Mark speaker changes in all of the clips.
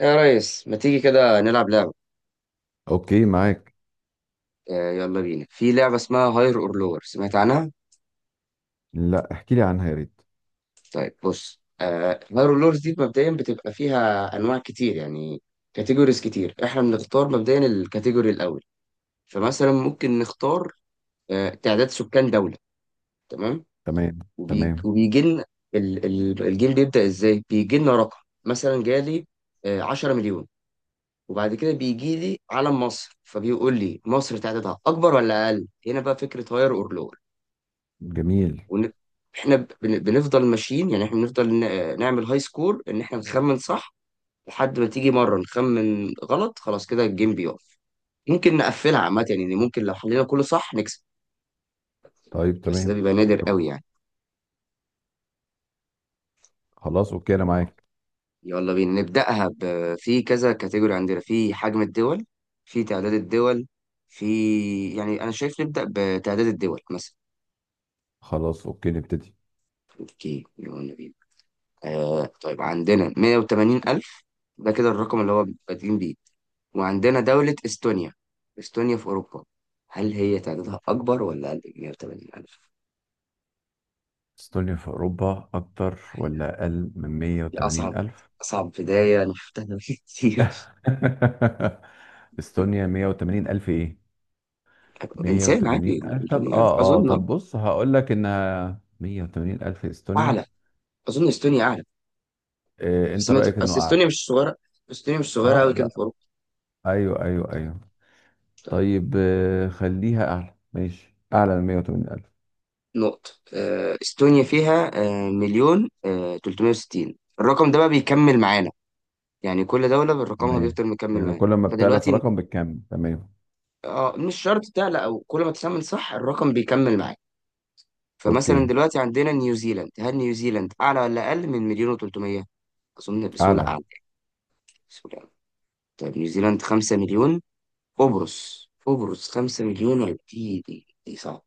Speaker 1: يا ريس، ما تيجي كده نلعب لعبة؟
Speaker 2: اوكي، معاك.
Speaker 1: يلا بينا، في لعبة اسمها هاير اور لور، سمعت عنها؟
Speaker 2: لا، احكي لي عنها يا ريت.
Speaker 1: طيب بص، هاير اور لورز دي مبدئيا بتبقى فيها أنواع كتير، يعني كاتيجوريز كتير. احنا بنختار مبدئيا الكاتيجوري الأول. فمثلا ممكن نختار تعداد سكان دولة. تمام.
Speaker 2: تمام تمام.
Speaker 1: وبيجي لنا. الجيم بيبدأ ازاي؟ بيجي لنا رقم، مثلا جالي 10 مليون، وبعد كده بيجي لي علم مصر، فبيقول لي مصر تعدادها أكبر ولا أقل؟ هنا بقى فكرة هاير اور لور.
Speaker 2: جميل.
Speaker 1: ون... احنا بنفضل ماشيين، يعني احنا بنفضل نعمل هاي سكور ان احنا نخمن صح لحد ما تيجي مره نخمن غلط، خلاص كده الجيم بيقف. ممكن نقفلها عامه، يعني ممكن لو حلينا كله صح نكسب،
Speaker 2: طيب
Speaker 1: بس ده
Speaker 2: تمام.
Speaker 1: بيبقى نادر
Speaker 2: حلو.
Speaker 1: قوي يعني.
Speaker 2: خلاص اوكي انا معاك.
Speaker 1: يلا بينا نبداها في كذا كاتيجوري عندنا، في حجم الدول، في تعداد الدول، في، يعني انا شايف نبدا بتعداد الدول مثلا.
Speaker 2: خلاص اوكي نبتدي.
Speaker 1: اوكي يلا بينا. طيب، عندنا 180 ألف، ده كده الرقم اللي هو بادئين بيه. وعندنا دولة إستونيا، إستونيا في أوروبا، هل هي تعدادها أكبر ولا أقل من 180 ألف؟
Speaker 2: استونيا في أوروبا أكتر ولا أقل من
Speaker 1: دي
Speaker 2: 180
Speaker 1: أصعب
Speaker 2: ألف؟
Speaker 1: أصعب بداية أنا شفتها كتير.
Speaker 2: استونيا 180 ألف إيه؟
Speaker 1: إنسان
Speaker 2: 180
Speaker 1: عادي
Speaker 2: ألف، طب
Speaker 1: 180
Speaker 2: آه
Speaker 1: ألف،
Speaker 2: آه
Speaker 1: أظن
Speaker 2: طب بص هقول لك إنها 180 ألف استونيا.
Speaker 1: أعلى. أظن إستونيا أعلى.
Speaker 2: إيه
Speaker 1: بس
Speaker 2: أنت رأيك إنه
Speaker 1: بس
Speaker 2: أعلى؟
Speaker 1: إستونيا مش صغيرة. إستونيا مش صغيرة أوي كده في
Speaker 2: لا،
Speaker 1: أوروبا.
Speaker 2: أيوه أيوه أيوه.
Speaker 1: طيب،
Speaker 2: طيب خليها أعلى، ماشي أعلى من 180 ألف.
Speaker 1: نقطة. إستونيا فيها مليون 360. الرقم ده بقى بيكمل معانا، يعني كل دولة بالرقمها
Speaker 2: تمام،
Speaker 1: بيفضل مكمل
Speaker 2: يعني
Speaker 1: معاك.
Speaker 2: كل ما بتعلى
Speaker 1: فدلوقتي
Speaker 2: الرقم بالكم تمام.
Speaker 1: اه مش شرط تعلى، او كل ما تسمن صح الرقم بيكمل معاك. فمثلا
Speaker 2: اوكي.
Speaker 1: دلوقتي عندنا نيوزيلاند، هل نيوزيلاند اعلى ولا اقل من مليون و300؟ اظن بسهولة
Speaker 2: اعلى.
Speaker 1: اعلى. بسهولة أعلى. طيب نيوزيلاند 5 مليون. قبرص، 5 مليون ولا دي صعب.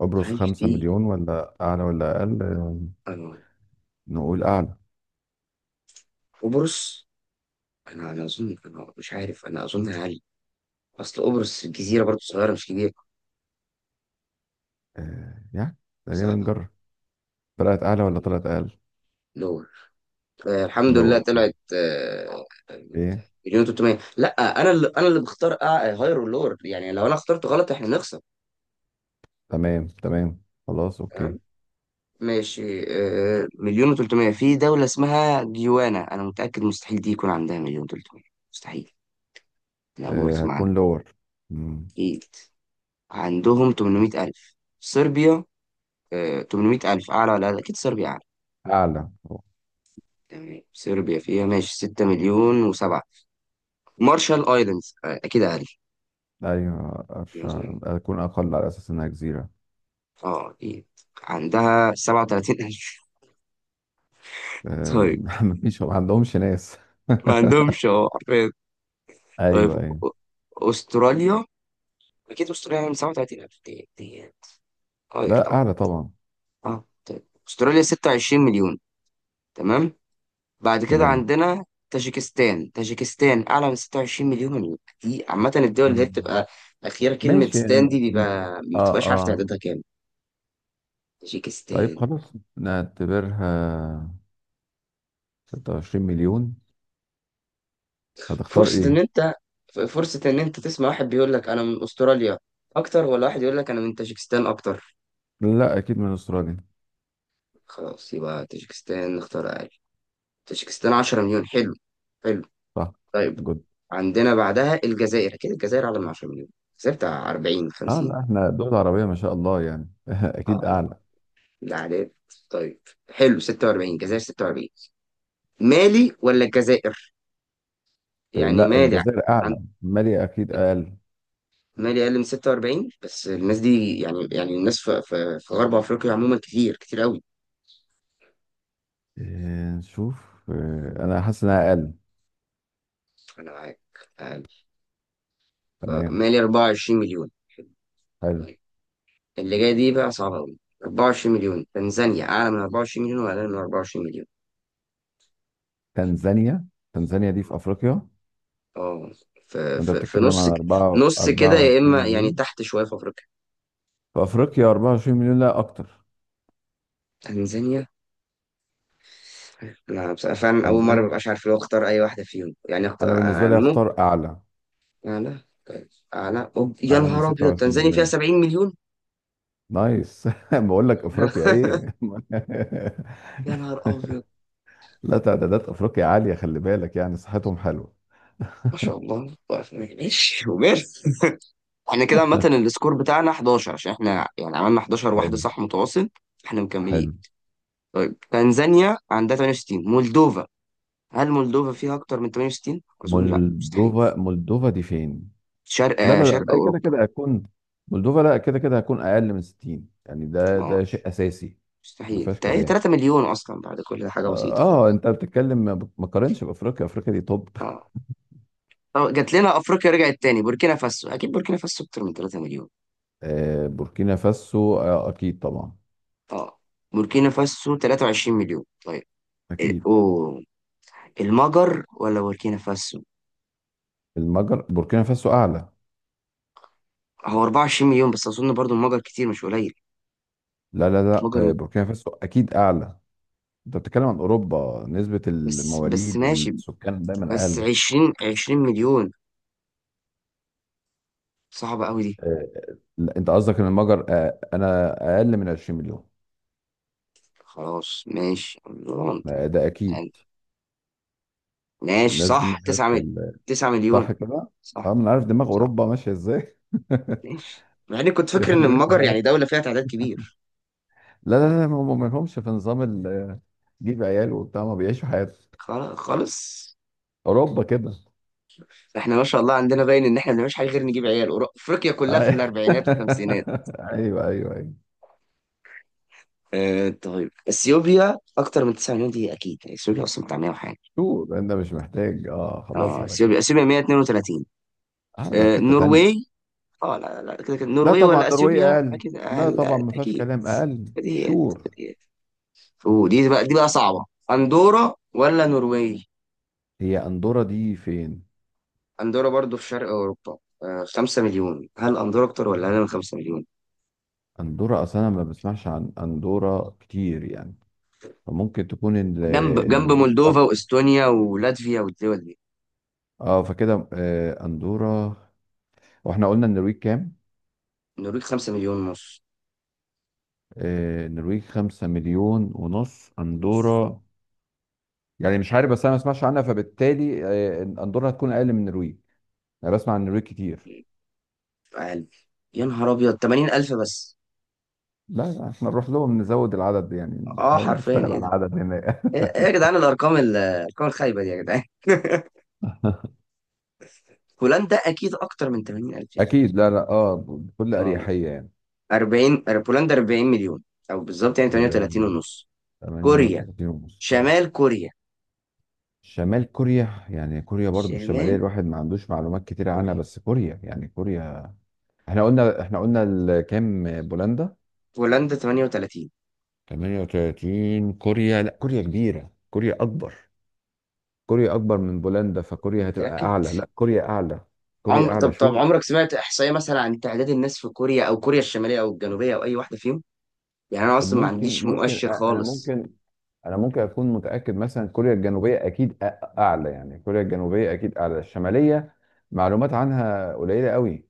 Speaker 2: ابرز
Speaker 1: عايش
Speaker 2: خمسة
Speaker 1: دي.
Speaker 2: مليون، ولا اعلى ولا اقل؟
Speaker 1: انا
Speaker 2: نقول اعلى.
Speaker 1: قبرص، انا اظن، انا مش عارف، انا اظن اقل. اصل قبرص جزيرة برضه صغيرة، مش كبيرة.
Speaker 2: يعني تقريبا
Speaker 1: صح.
Speaker 2: نجرب. طلعت اعلى ولا طلعت اقل؟
Speaker 1: لور. الحمد لله
Speaker 2: لور.
Speaker 1: طلعت.
Speaker 2: ايه؟
Speaker 1: مليون 300. لا، انا اللي انا بختار هاير ولور، يعني لو انا اخترت غلط احنا نخسر.
Speaker 2: تمام تمام خلاص
Speaker 1: تمام.
Speaker 2: اوكي.
Speaker 1: ماشي. مليون و300، في دولة اسمها جيوانا، انا متأكد مستحيل دي يكون عندها مليون 300. مستحيل. انا اول مرة اسمع عنها.
Speaker 2: هكون لور. مم.
Speaker 1: اكيد عندهم 800000 صربيا. 800000، اعلى ولا لا؟ اكيد صربيا اعلى.
Speaker 2: اعلى.
Speaker 1: تمام، صربيا فيها ماشي 6 مليون و7. مارشال ايلاندز، اكيد.
Speaker 2: ايوه أرش-
Speaker 1: اقل.
Speaker 2: هكون اقل على اساس انها جزيرة.
Speaker 1: اه اكيد. عندها 37 ألف.
Speaker 2: آه.
Speaker 1: طيب.
Speaker 2: مفيش، ما عندهمش ناس.
Speaker 1: ما عندهمش، اه عارفين. طيب.
Speaker 2: ايوه ايوه.
Speaker 1: أ- استراليا، اكيد استراليا من 37 ألف ديت، اه
Speaker 2: لا
Speaker 1: يرجعوا.
Speaker 2: اعلى طبعا.
Speaker 1: اه طيب استراليا 26 مليون. تمام. بعد كده
Speaker 2: تمام.
Speaker 1: عندنا تاجيكستان اعلى من 26 مليون مليون. يعني دي عامة الدول اللي هي
Speaker 2: مم.
Speaker 1: بتبقى اخيرا كلمة
Speaker 2: ماشي
Speaker 1: ستان دي،
Speaker 2: يعني-
Speaker 1: بيبقى ما
Speaker 2: اه
Speaker 1: بتبقاش عارف
Speaker 2: اه.
Speaker 1: تعدادها كام.
Speaker 2: طيب
Speaker 1: تاجيكستان.
Speaker 2: خلاص نعتبرها 26 مليون. هتختار
Speaker 1: فرصة ان
Speaker 2: ايه؟
Speaker 1: انت فرصة ان انت تسمع واحد بيقول لك انا من استراليا اكتر، ولا واحد يقول لك انا من تاجيكستان اكتر؟
Speaker 2: لا اكيد من استراليا.
Speaker 1: خلاص يبقى تاجيكستان نختار اقل. تاجيكستان 10 مليون. حلو. حلو.
Speaker 2: صح.
Speaker 1: طيب،
Speaker 2: جد.
Speaker 1: عندنا بعدها الجزائر، اكيد الجزائر اعلى من 10 مليون، الجزائر بتاع 40
Speaker 2: اه
Speaker 1: 50.
Speaker 2: لا احنا دول عربية ما شاء الله يعني
Speaker 1: اه
Speaker 2: اكيد اعلى.
Speaker 1: لا، العداد. طيب. حلو 46، الجزائر 46. مالي ولا الجزائر؟ يعني
Speaker 2: لا
Speaker 1: مالي.
Speaker 2: الجزائر
Speaker 1: عن،
Speaker 2: اعلى، مالي اكيد اقل.
Speaker 1: مالي اقل من 46، بس الناس دي يعني، يعني الناس في غرب افريقيا عموما كتير كتير قوي.
Speaker 2: آه نشوف آه انا حاسس انها اقل.
Speaker 1: انا معاك. تعال.
Speaker 2: تمام.
Speaker 1: مالي 24 مليون.
Speaker 2: حلو.
Speaker 1: طيب. اللي جاي دي بقى صعبة أوي. 24 مليون، تنزانيا أعلى من 24 مليون ولا أقل من 24 مليون؟
Speaker 2: تنزانيا. تنزانيا دي في افريقيا.
Speaker 1: أه، في
Speaker 2: وانت
Speaker 1: في في
Speaker 2: بتتكلم
Speaker 1: نص
Speaker 2: عن 4
Speaker 1: نص كده، يا
Speaker 2: 24
Speaker 1: إما يعني
Speaker 2: مليون؟
Speaker 1: تحت شوية، في أفريقيا.
Speaker 2: في افريقيا 24 مليون لا اكتر؟
Speaker 1: تنزانيا. أنا بصراحة فعلا أول مرة
Speaker 2: تنزانيا،
Speaker 1: مبقاش عارف لو أختار أي واحدة فيهم، يعني
Speaker 2: انا
Speaker 1: أختار
Speaker 2: بالنسبه
Speaker 1: أعلى.
Speaker 2: لي اختار اعلى.
Speaker 1: أعلى طيب. أعلى أوب. يا
Speaker 2: اعلى من
Speaker 1: نهار أبيض،
Speaker 2: 26
Speaker 1: تنزانيا فيها
Speaker 2: مليون.
Speaker 1: 70 مليون.
Speaker 2: نايس. بقول لك افريقيا ايه.
Speaker 1: يا نهار أبيض.
Speaker 2: لا تعدادات افريقيا عاليه، خلي بالك يعني صحتهم حلوه.
Speaker 1: ما شاء الله. طيب، ماشي وماله. احنا كده عامة السكور بتاعنا 11، عشان احنا يعني عملنا 11 واحدة
Speaker 2: حلو.
Speaker 1: صح متواصل. احنا مكملين.
Speaker 2: حلو.
Speaker 1: طيب، تنزانيا عندها 68، مولدوفا هل مولدوفا فيها اكتر من 68؟ اظن لا، مستحيل.
Speaker 2: مولدوفا. مولدوفا دي فين؟
Speaker 1: شرق،
Speaker 2: لا لا لا،
Speaker 1: شرق
Speaker 2: بقى كده
Speaker 1: اوروبا.
Speaker 2: كده هتكون. مولدوفا لا، كده كده هتكون اقل من 60، يعني ده
Speaker 1: اه
Speaker 2: ده شيء اساسي. ما
Speaker 1: مستحيل.
Speaker 2: فيهاش
Speaker 1: هي
Speaker 2: كلام.
Speaker 1: 3 مليون اصلا، بعد كل ده حاجة بسيطة خالص.
Speaker 2: انت بتتكلم، ما قارنش بافريقيا، افريقيا دي توب.
Speaker 1: اه. طب جات لنا افريقيا، رجعت تاني، بوركينا فاسو، اكيد بوركينا فاسو اكتر من 3 مليون.
Speaker 2: بوركينا فاسو، اكيد طبعا.
Speaker 1: اه. بوركينا فاسو 23 مليون. طيب.
Speaker 2: اكيد.
Speaker 1: اوه، المجر ولا بوركينا فاسو؟
Speaker 2: المجر، بوركينا فاسو اعلى.
Speaker 1: هو 24 مليون بس، اظن برضو المجر كتير مش قليل.
Speaker 2: لا لا لا
Speaker 1: مجر مت-
Speaker 2: بوركينا فاسو اكيد اعلى. انت بتتكلم عن اوروبا، نسبة
Speaker 1: بس،
Speaker 2: المواليد
Speaker 1: ماشي.
Speaker 2: والسكان دايما
Speaker 1: بس
Speaker 2: اقل.
Speaker 1: عشرين، مليون. صعبة أوي دي.
Speaker 2: آه، لا، انت قصدك ان المجر، انا اقل من 20 مليون؟
Speaker 1: خلاص ماشي رمضان،
Speaker 2: ما ده اكيد.
Speaker 1: يعني. ماشي،
Speaker 2: الناس دي
Speaker 1: صح، تسعة
Speaker 2: مالهاش في
Speaker 1: مليون.
Speaker 2: ال-.
Speaker 1: تسعة مليون.
Speaker 2: صح كده. اه،
Speaker 1: صح.
Speaker 2: من عارف دماغ
Speaker 1: صح.
Speaker 2: اوروبا ماشيه ازاي.
Speaker 1: ماشي، مع إني كنت فاكر إن
Speaker 2: بيحبوا يعيشوا
Speaker 1: المجر يعني
Speaker 2: حياتهم.
Speaker 1: دولة فيها تعداد كبير.
Speaker 2: لا لا لا، هم ما لهمش في نظام ال-، جيب عيال وبتاع، ما بيعيشوا حياتهم.
Speaker 1: خلاص خالص.
Speaker 2: اوروبا كده.
Speaker 1: احنا ما شاء الله عندنا باين ان احنا ما بنعملش حاجه غير نجيب عيال. افريقيا
Speaker 2: أي-.
Speaker 1: كلها في الاربعينات والخمسينات.
Speaker 2: ايوه ايوه ايوه.
Speaker 1: اه طيب، اثيوبيا اكتر من 9 مليون؟ دي اكيد، يعني اثيوبيا اصلا بتاع 100 وحاجه.
Speaker 2: شو، انت مش محتاج، اه خلاص
Speaker 1: اه،
Speaker 2: على كده.
Speaker 1: اثيوبيا 132.
Speaker 2: اه، ده في حته
Speaker 1: النرويج.
Speaker 2: تانيه.
Speaker 1: اه لا لا، كده كده
Speaker 2: لا
Speaker 1: النرويج
Speaker 2: طبعا
Speaker 1: ولا
Speaker 2: نرويج
Speaker 1: اثيوبيا؟
Speaker 2: اقل.
Speaker 1: اكيد
Speaker 2: لا
Speaker 1: اقل.
Speaker 2: طبعا
Speaker 1: أقل،
Speaker 2: ما فيهاش
Speaker 1: اكيد.
Speaker 2: كلام، اقل
Speaker 1: بديهيات.
Speaker 2: شور.
Speaker 1: بديهيات. ودي بقى، دي بقى صعبة. اندورا ولا نرويج؟
Speaker 2: هي اندورا دي فين؟
Speaker 1: اندورا برضو في شرق اوروبا. خمسة مليون. هل اندورا اكتر ولا انا من خمسة مليون؟
Speaker 2: اندورا اصلا أنا ما بسمعش عن اندورا كتير يعني، فممكن تكون ال-،
Speaker 1: جنب،
Speaker 2: النرويج
Speaker 1: مولدوفا
Speaker 2: اكتر.
Speaker 1: واستونيا ولاتفيا والدول دي.
Speaker 2: اه فكده اندورا. واحنا قلنا النرويج كام؟
Speaker 1: النرويج خمسة مليون ونص.
Speaker 2: النرويج خمسة مليون ونص. اندورا يعني مش عارف، بس انا ما بسمعش عنها، فبالتالي اندورا هتكون اقل من النرويج، انا بسمع عن النرويج كتير.
Speaker 1: اقل. يا نهار ابيض، 80000 الف بس.
Speaker 2: لا لا، احنا نروح لهم نزود العدد، يعني
Speaker 1: اه
Speaker 2: نحاول
Speaker 1: حرفيا
Speaker 2: نشتغل على
Speaker 1: ايه ده؟
Speaker 2: العدد هناك.
Speaker 1: ايه إيه يا جدعان الارقام، الارقام الخايبة دي يا جدعان. هولندا اكيد اكتر من 80000 الف.
Speaker 2: اكيد، لا لا اه، بكل
Speaker 1: آه.
Speaker 2: اريحيه يعني.
Speaker 1: 40، بولندا 40 مليون، او بالظبط يعني
Speaker 2: حاجه
Speaker 1: 38
Speaker 2: باين.
Speaker 1: ونص. كوريا،
Speaker 2: 38 ونص، كويس.
Speaker 1: شمال كوريا.
Speaker 2: شمال كوريا. يعني كوريا برضو الشماليه
Speaker 1: شمال
Speaker 2: الواحد ما عندوش معلومات كتير
Speaker 1: كوريا.
Speaker 2: عنها، بس كوريا يعني كوريا. احنا قلنا ال- كام بولندا؟
Speaker 1: بولندا 38.
Speaker 2: 38. كوريا، لا كوريا كبيره، كوريا اكبر. كوريا اكبر من بولندا، فكوريا هتبقى
Speaker 1: متأكد؟
Speaker 2: اعلى، لا كوريا اعلى. كوريا
Speaker 1: عمر، طب
Speaker 2: اعلى شو
Speaker 1: عمرك سمعت احصائية مثلا عن تعداد الناس في كوريا او كوريا الشمالية او الجنوبية او اي واحدة فيهم؟ يعني انا اصلا ما
Speaker 2: ممكن
Speaker 1: عنديش
Speaker 2: ممكن
Speaker 1: مؤشر
Speaker 2: أ- انا
Speaker 1: خالص.
Speaker 2: ممكن ممكن اكون متاكد مثلا كوريا الجنوبيه اكيد أ-، اعلى، يعني كوريا الجنوبيه اكيد اعلى الشماليه. معلومات عنها قليله قوي.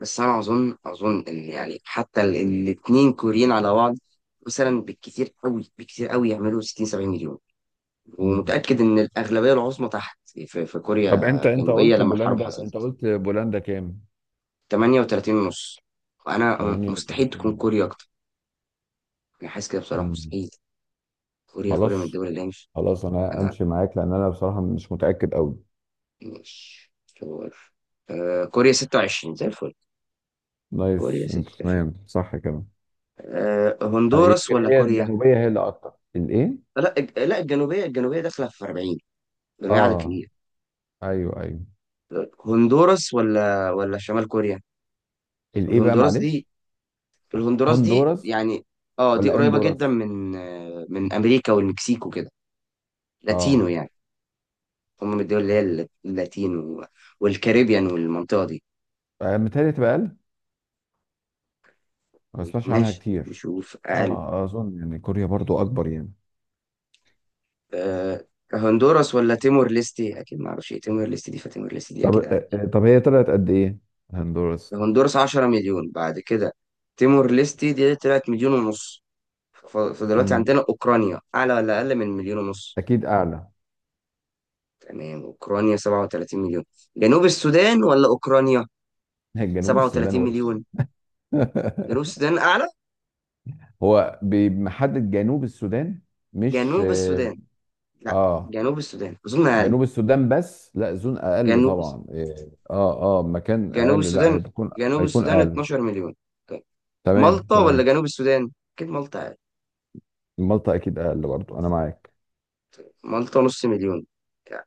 Speaker 1: بس انا اظن، اظن ان يعني حتى الاثنين كوريين على بعض مثلا بالكثير قوي، بالكثير قوي يعملوا 60 70 مليون.
Speaker 2: مم.
Speaker 1: ومتأكد ان الاغلبية العظمى تحت، في
Speaker 2: طب
Speaker 1: كوريا
Speaker 2: انت انت
Speaker 1: الجنوبية
Speaker 2: قلت
Speaker 1: لما الحرب
Speaker 2: بولندا،
Speaker 1: حصلت.
Speaker 2: قلت بولندا كام؟
Speaker 1: 38 ونص. وانا، مستحيل تكون
Speaker 2: 38
Speaker 1: كوريا
Speaker 2: ونص.
Speaker 1: اكتر. انا حاسس كده بصراحه
Speaker 2: مم.
Speaker 1: مستحيل. كوريا، من
Speaker 2: خلاص
Speaker 1: الدول اللي هي مش،
Speaker 2: خلاص انا
Speaker 1: انا
Speaker 2: امشي معاك، لان انا بصراحه مش متاكد قوي.
Speaker 1: مش شور. آه كوريا 26، زي الفل. كوريا
Speaker 2: نايس انت
Speaker 1: 26.
Speaker 2: تمام صح كده.
Speaker 1: آه
Speaker 2: أنا
Speaker 1: هندوراس
Speaker 2: يمكن
Speaker 1: ولا
Speaker 2: هي
Speaker 1: كوريا؟
Speaker 2: الجنوبيه هي اللي اكتر، الايه.
Speaker 1: لا لا الجنوبيه، الجنوبيه داخله في 40. جميع عدد
Speaker 2: اه،
Speaker 1: كبير.
Speaker 2: ايوه ايوه.
Speaker 1: هندوراس ولا شمال كوريا؟
Speaker 2: الايه بقى
Speaker 1: الهندوراس دي،
Speaker 2: معلش،
Speaker 1: الهندوراس دي
Speaker 2: هندوراس
Speaker 1: يعني، اه دي
Speaker 2: ولا
Speaker 1: قريبه جدا
Speaker 2: اندوراس؟
Speaker 1: من من امريكا والمكسيك وكده. لاتينو
Speaker 2: اه.
Speaker 1: يعني. هم من الدول اللي هي اللاتين والكاريبيان والمنطقة دي.
Speaker 2: متهيألي تبقى، ما بسمعش عنها
Speaker 1: ماشي
Speaker 2: كتير.
Speaker 1: نشوف أقل.
Speaker 2: اه اظن يعني كوريا برضو اكبر يعني.
Speaker 1: أه، هندوراس ولا تيمور ليستي؟ أكيد معرفش إيه تيمور ليستي دي، فتيمور ليستي دي
Speaker 2: طب
Speaker 1: أكيد أقل.
Speaker 2: طب هي طلعت قد ايه هندوراس؟
Speaker 1: هندوراس 10 مليون. بعد كده، تيمور ليستي دي طلعت مليون ونص. فدلوقتي
Speaker 2: امم.
Speaker 1: عندنا أوكرانيا، أعلى ولا أقل من مليون ونص؟
Speaker 2: اكيد اعلى.
Speaker 1: تمام، أوكرانيا 37 مليون. جنوب السودان ولا أوكرانيا؟
Speaker 2: جنوب السودان
Speaker 1: 37
Speaker 2: وش.
Speaker 1: مليون، جنوب السودان أعلى.
Speaker 2: هو بمحدد جنوب السودان؟ مش
Speaker 1: جنوب
Speaker 2: اه
Speaker 1: السودان. لا
Speaker 2: آه،
Speaker 1: جنوب السودان أظن أقل.
Speaker 2: جنوب السودان؟ بس لا زون اقل
Speaker 1: جنوب،
Speaker 2: طبعا، اه اه مكان
Speaker 1: جنوب
Speaker 2: اقل، لا
Speaker 1: السودان
Speaker 2: هيكون،
Speaker 1: جنوب
Speaker 2: هيكون
Speaker 1: السودان
Speaker 2: اقل.
Speaker 1: 12 مليون. طيب.
Speaker 2: تمام
Speaker 1: مالطا ولا
Speaker 2: تمام.
Speaker 1: جنوب السودان؟ اكيد مالطا يعني.
Speaker 2: مالطا اكيد اقل برضو، انا معاك.
Speaker 1: مالطا نص مليون يعني.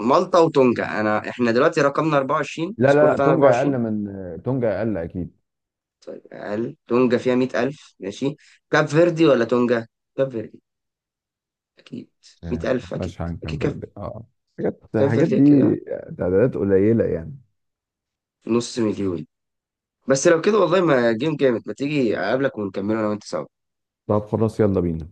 Speaker 1: مالطا وتونجا، احنا دلوقتي رقمنا 24،
Speaker 2: لا
Speaker 1: سكور
Speaker 2: لا لا
Speaker 1: بتاعنا
Speaker 2: تونجا
Speaker 1: 24.
Speaker 2: اقل من تونجا اقل اكيد.
Speaker 1: اقل. تونجا فيها 100000 ماشي. كاب فيردي ولا تونجا؟ كاب فيردي اكيد. 100000 اكيد.
Speaker 2: فلاش كان
Speaker 1: اكيد كاب،
Speaker 2: فيردي اه. حاجات،
Speaker 1: كاب
Speaker 2: الحاجات
Speaker 1: فيردي كده
Speaker 2: دي تعدادات قليلة يعني.
Speaker 1: نص مليون. بس لو كده والله ما جيم جامد، ما تيجي اقابلك ونكمله انا وانت سوا.
Speaker 2: طب خلاص يلا بينا.